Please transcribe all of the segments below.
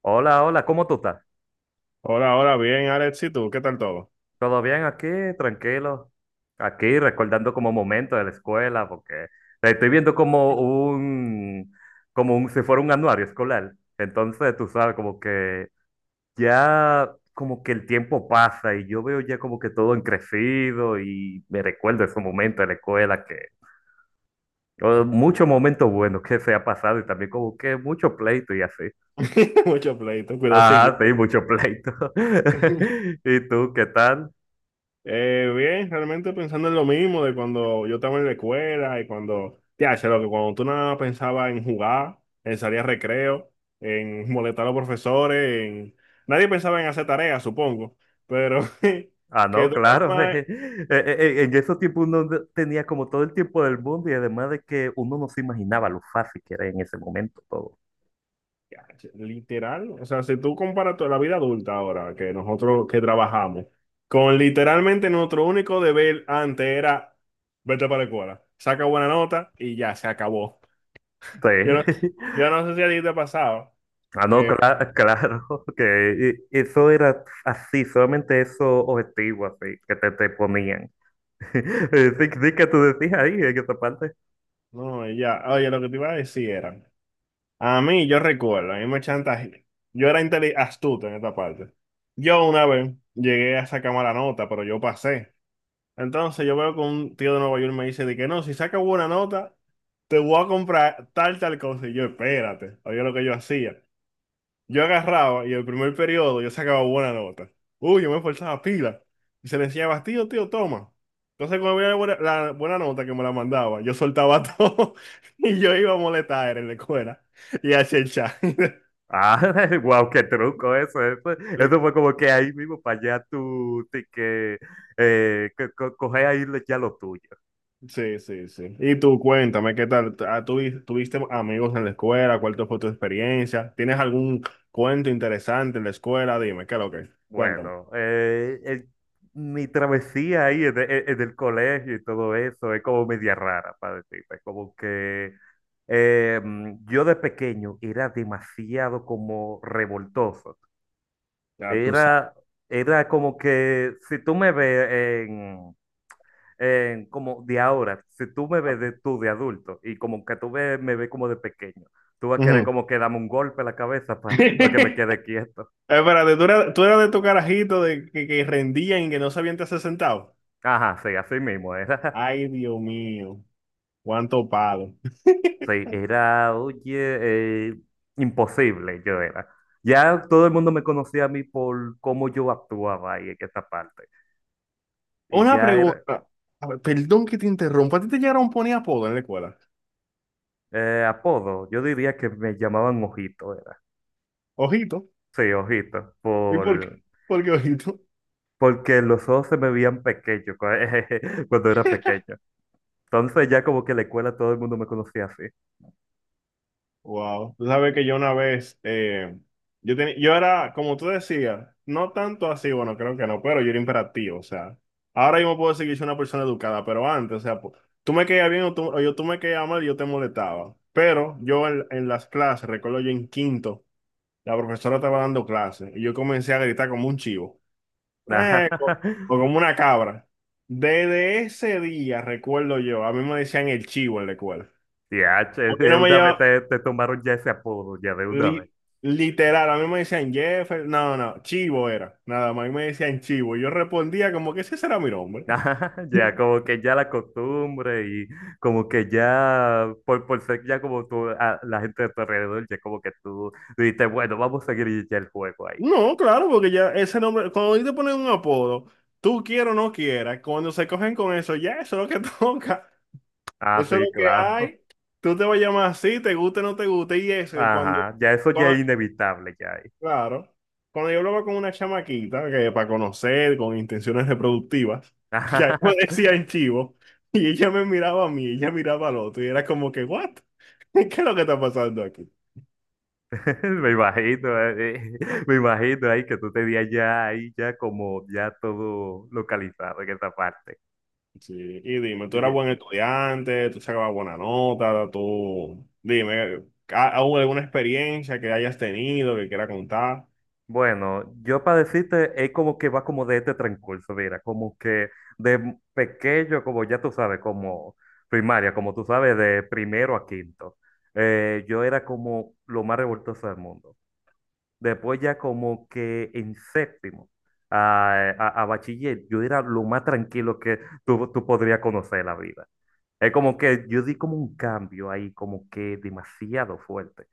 Hola, hola, ¿cómo tú estás? Hola, hola, bien, Alex, ¿y tú? ¿Qué tal todo? ¿Todo bien aquí? Tranquilo. Aquí recordando como momentos de la escuela, porque estoy viendo como un, si fuera un anuario escolar. Entonces, tú sabes, como que ya, como que el tiempo pasa y yo veo ya como que todo en crecido y me recuerdo esos momentos de la escuela que, muchos momentos buenos que se ha pasado y también como que mucho pleito y así. Mucho pleito, Ajá, cuidosillo. sí, mucho pleito. ¿Y tú qué tal? Bien, realmente pensando en lo mismo de cuando yo estaba en la escuela y cuando, ya, sé lo que cuando tú nada más pensabas en jugar, en salir a recreo, en molestar a los profesores, en... nadie pensaba en hacer tareas, supongo, pero Ah, que no, tú nada claro. más. En esos tiempos uno no- tenía como todo el tiempo del mundo y además de que uno no se imaginaba lo fácil que era en ese momento todo. Ya. Literal, o sea, si tú comparas toda la vida adulta ahora que nosotros que trabajamos, con literalmente nuestro único deber antes era vete para la escuela, saca buena nota y ya se acabó. Yo no, Sí. yo no sé si a ti te ha pasado Ah, no, que, cla- claro, que eso era así, solamente esos objetivos así que te ponían. Sí, sí que tú decías ahí en esa parte. no, y ya, oye, lo que te iba a decir era, a mí yo recuerdo, a mí me chantaje, yo era astuto en esta parte. Yo una vez llegué a sacar mala nota, pero yo pasé. Entonces yo veo que un tío de Nueva York me dice de que no, si sacas buena nota, te voy a comprar tal, tal cosa. Y yo, espérate, oye lo que yo hacía. Yo agarraba y el primer periodo yo sacaba buena nota. Uy, yo me esforzaba pila. Y se le decía, tío, tío, toma. Entonces cuando veía la buena nota que me la mandaba, yo soltaba todo y yo iba a molestar en la escuela y a chat. Ah, wow, qué truco eso, eso. Eso fue como que ahí mismo para allá tú, sí que coger ahí ya lo tuyo. Sí, sí, sí. Y tú, cuéntame, ¿qué tal? Ah, tuviste amigos en la escuela? ¿Cuál fue tu experiencia? ¿Tienes algún cuento interesante en la escuela? Dime, ¿qué es lo que es? Cuéntame. Bueno, mi travesía ahí en el colegio y todo eso es como media rara, para decirte. Es como que yo de pequeño era demasiado como revoltoso. Ya tú Era, sabes. era como que si tú me ves en, en como de ahora, si tú me ves de, tú de adulto y como que tú me ves como de pequeño, tú vas a querer Ujú. como que dame un golpe en la cabeza para que me quede quieto. Espérate, ¿tú eras de tu carajito de que rendían y que no sabían te hacer sentado? Ajá, sí, así mismo era. Ay, Dios mío, cuánto palo. Sí, era, oye, eh, imposible yo era. Ya todo el mundo me conocía a mí por cómo yo actuaba ahí en esa parte. Y Una ya era pregunta. A ver, perdón que te interrumpa. ¿A ti te llegaron a poner apodo en la escuela? Apodo, yo diría que me llamaban Ojito, era. Ojito. Sí, Ojito, ¿Y por qué? ¿Por qué ojito? porque los ojos se me veían pequeños cuando era pequeño. Entonces ya como que en la escuela todo el mundo me conocía así. Wow, tú sabes que yo una vez, tenía, yo era, como tú decías, no tanto así, bueno, creo que no, pero yo era imperativo, o sea, ahora yo me puedo decir que yo soy una persona educada, pero antes, o sea, tú me caías bien o yo, tú me caías mal y yo te molestaba, pero yo en las clases, recuerdo yo en quinto, la profesora estaba dando clases y yo comencé a gritar como un chivo, Ajá. eh, o, o como una cabra. Desde ese día, recuerdo yo, a mí me decían el chivo en la escuela. Y A H, mí de no me una vez llamaban. Te tomaron ya ese apodo, ya de una. Li- literal, a mí me decían Jefferson, no, no, Chivo era, nada más, a mí me decían Chivo, y yo respondía como que ese será mi nombre. Ajá, ya, como que ya la costumbre y como que ya, por ser ya como tú, la gente de tu alrededor, ya como que tú dices, bueno, vamos a seguir ya el juego ahí. No, claro, porque ya ese nombre, cuando a ti te ponen un apodo, tú quieras o no quieras, cuando se cogen con eso, ya eso es lo que toca, Ah, eso es lo sí, que claro. hay, tú te vas a llamar así, te guste o no te guste, y eso, Ajá, ya eso ya es cuando, inevitable ya ahí. Claro. Cuando yo hablaba con una chamaquita que para conocer, con intenciones reproductivas, que ahí me Ajá, decían chivo, y ella me miraba a mí, ella miraba al otro, y era como que, ¿what? ¿Qué es lo que está pasando aquí? Me imagino ahí que tú tenías ya ahí ya como ya todo localizado en esa parte. Sí, y dime, tú eras buen estudiante, tú sacabas buena nota, tú, dime, ¿hubo alguna experiencia que hayas tenido que quieras contar? Bueno, yo para decirte, es como que va como de este transcurso, mira, como que de pequeño, como ya tú sabes, como primaria, como tú sabes, de primero a quinto, yo era como lo más revoltoso del mundo. Después ya como que en séptimo a bachiller, yo era lo más tranquilo que tú podrías conocer en la vida. Es como que yo di como un cambio ahí, como que demasiado fuerte.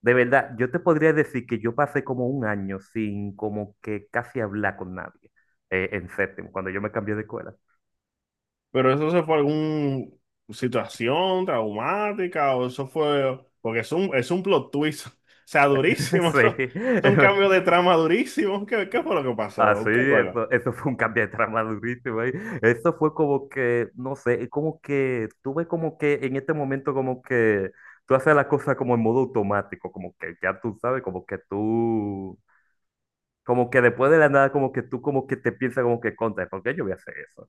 De verdad, yo te podría decir que yo pasé como un año sin como que casi hablar con nadie en séptimo, cuando yo me cambié de escuela. Pero eso se fue alguna situación traumática o eso fue, porque es un plot twist, o sea, durísimo, Sí. es un cambio de trama durísimo. ¿Qué fue lo que Ah pasó? sí, ¿Usted recuerda? eso fue un cambio de trama durísimo ahí. Eso fue como que, no sé, es como que tuve como que en este momento como que tú haces las cosas como en modo automático, como que ya tú sabes, como que tú, como que después de la nada, como que tú como que te piensas como que contra, ¿por qué yo voy a hacer eso?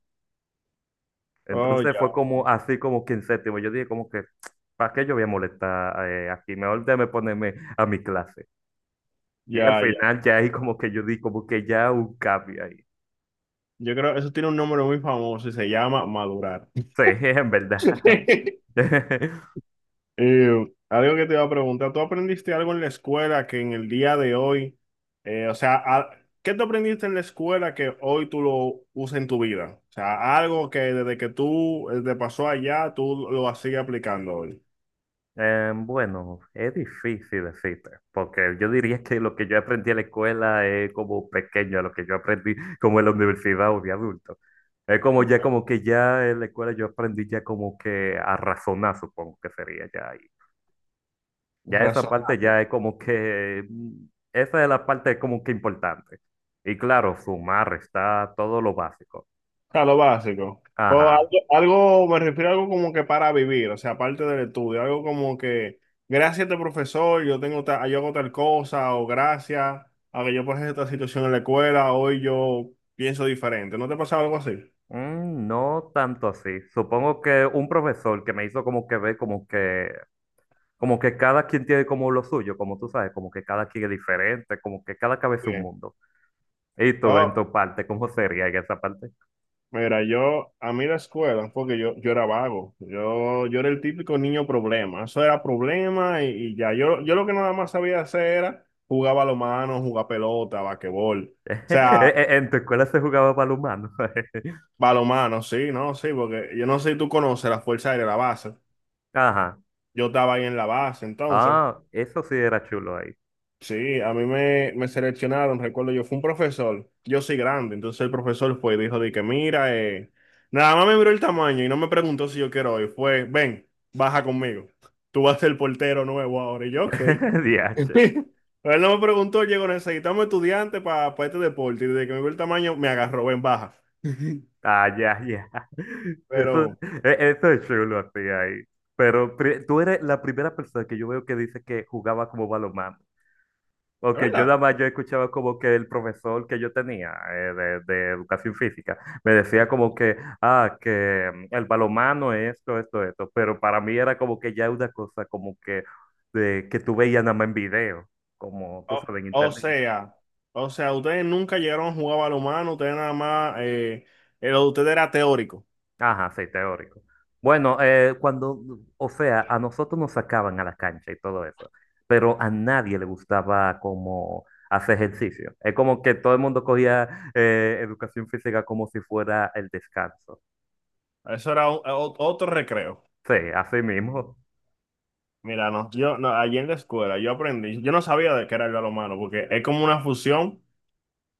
Oh, Entonces fue como así como que en séptimo. Yo dije como que, ¿para qué yo voy a molestar aquí? Mejor déjame ponerme a mi clase. Y al ya. final ya ahí como que yo di como que ya un cambio ahí. Yo creo que eso tiene un nombre muy famoso y se llama madurar. Sí, en verdad. Eh, algo que te iba a preguntar, ¿tú aprendiste algo en la escuela que en el día de hoy, eh, o sea, a- ¿qué tú aprendiste en la escuela que hoy tú lo usas en tu vida? O sea, algo que desde que tú te pasó allá, tú lo sigues aplicando hoy. Bueno, es difícil decirte, porque yo diría que lo que yo aprendí en la escuela es como pequeño a lo que yo aprendí como en la universidad o de adulto. Es como ya como que ya en la escuela yo aprendí ya como que a razonar, supongo que sería ya ahí. Ya esa Razón. parte ya es como que, esa es la parte como que importante. Y claro, sumar está todo lo básico. Sea, lo básico. Pero Ajá. Me refiero a algo como que para vivir, o sea, aparte del estudio, algo como que, gracias a este profesor, yo tengo yo hago tal cosa, o gracias a que yo pasé esta situación en la escuela, hoy yo pienso diferente. ¿No te pasa algo así? Mm, no tanto así. Supongo que un profesor que me hizo como que ver como que cada quien tiene como lo suyo, como tú sabes, como que cada quien es diferente, como que cada cabeza es un Bien. mundo. ¿Y tú en Oh, tu parte, cómo sería en esa parte? mira, a mí la escuela, porque yo era vago, yo era el típico niño problema, eso era problema y ya, yo lo que nada más sabía hacer era jugar balonmano, jugar pelota, basquetbol. O Mm. Sea, ¿En en tu escuela se jugaba balonmano? Balomano, sí, no, sí, porque yo no sé si tú conoces la Fuerza Aérea, la base. Ajá. Yo estaba ahí en la base, entonces, Ah, eso sí era chulo ahí. sí, a me seleccionaron, recuerdo yo, fue un profesor, yo soy grande, entonces el profesor fue y dijo de que mira, nada más me miró el tamaño y no me preguntó si yo quiero ir, fue, ven, baja conmigo, tú vas a ser el portero nuevo ahora, y yo, ok. DH. Él no me preguntó, llegó, necesitamos estudiantes para este deporte, y desde que me vio el tamaño, me agarró, ven, baja. Ah, ya, ya. Eso, Pero, eso es chulo así ahí. Pero tú eres la primera persona que yo veo que dice que jugaba como balonmano. es Porque yo nada verdad. más yo escuchaba como que el profesor que yo tenía de educación física me decía como que, ah, que el balonmano es esto, esto, esto. Pero para mí era como que ya una cosa como que, de, que tú veías nada más en video, como tú O, sabes, en o internet. sea, o sea, ustedes nunca llegaron a jugar balonmano, ustedes nada más, lo de ustedes era teórico. Ajá, sí, teórico. Bueno, o sea, a nosotros nos sacaban a la cancha y todo eso, pero a nadie le gustaba como hacer ejercicio. Es como que todo el mundo cogía educación física como si fuera el descanso. Eso era o- otro recreo. Sí, así mismo. Mira, no, yo, no, allí en la escuela yo aprendí, yo no sabía de qué era el balonmano, porque es como una fusión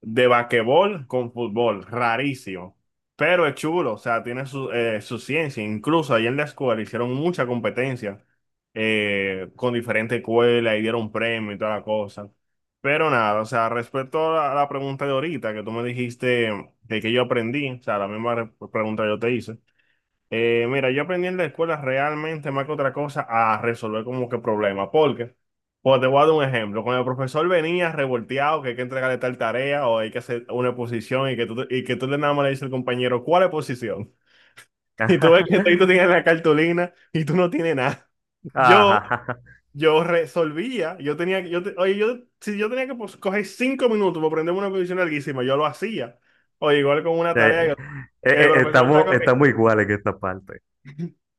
de basquetbol con fútbol, rarísimo. Pero es chulo, o sea, tiene su, su ciencia. Incluso ahí en la escuela hicieron mucha competencia con diferentes escuelas y dieron premios y toda la cosa. Pero nada, o sea, respecto a a la pregunta de ahorita que tú me dijiste de que yo aprendí, o sea, la misma pregunta que yo te hice, mira, yo aprendí en la escuela realmente más que otra cosa a resolver como que problemas, porque, pues te voy a dar un ejemplo, cuando el profesor venía revolteado que hay que entregarle tal tarea o hay que hacer una exposición y que tú, y que tú le nada más le dices al compañero, ¿cuál exposición? Y tú ves que tú tienes la cartulina y tú no tienes nada. Yo, Ajá. yo resolvía, yo tenía, oye, yo, si yo tenía que pues, coger 5 minutos para aprenderme una exposición larguísima, yo lo hacía. O igual con una Eh, tarea eh, que el profesor está estamos corriendo. iguales en esta parte.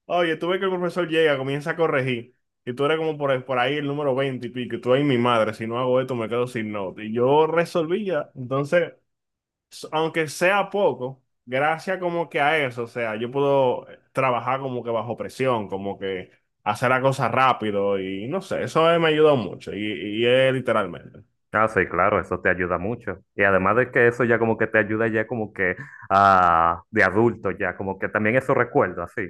Oye, tú ves que el profesor llega, comienza a corregir, y tú eres como por ahí el número 20 y pico, y tú ahí, mi madre, si no hago esto me quedo sin nota. Y yo resolví ya, entonces, aunque sea poco, gracias como que a eso, o sea, yo puedo trabajar como que bajo presión, como que hacer la cosa rápido, y no sé, eso me ayudó mucho, y es literalmente. Ah, sí, claro, eso te ayuda mucho. Y además de que eso ya como que te ayuda ya como que a de adulto ya, como que también eso recuerdo así.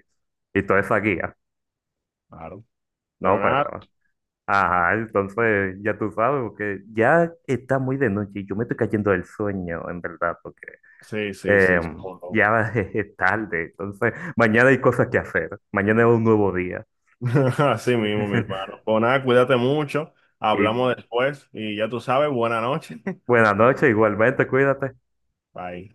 Y toda esa No, guía, claro. Pero ¿no? nada, Pero, ajá, entonces ya tú sabes, porque ya está muy de noche y yo me estoy cayendo del sueño, en verdad, porque sí, sí, eh, sí. ya es tarde. Entonces, mañana hay cosas que hacer. Mañana es un nuevo día. Así mismo, mi hermano. Pues nada, cuídate mucho. Y Hablamos después y ya tú sabes, buena noche. buenas noches, igualmente, cuídate. Bye.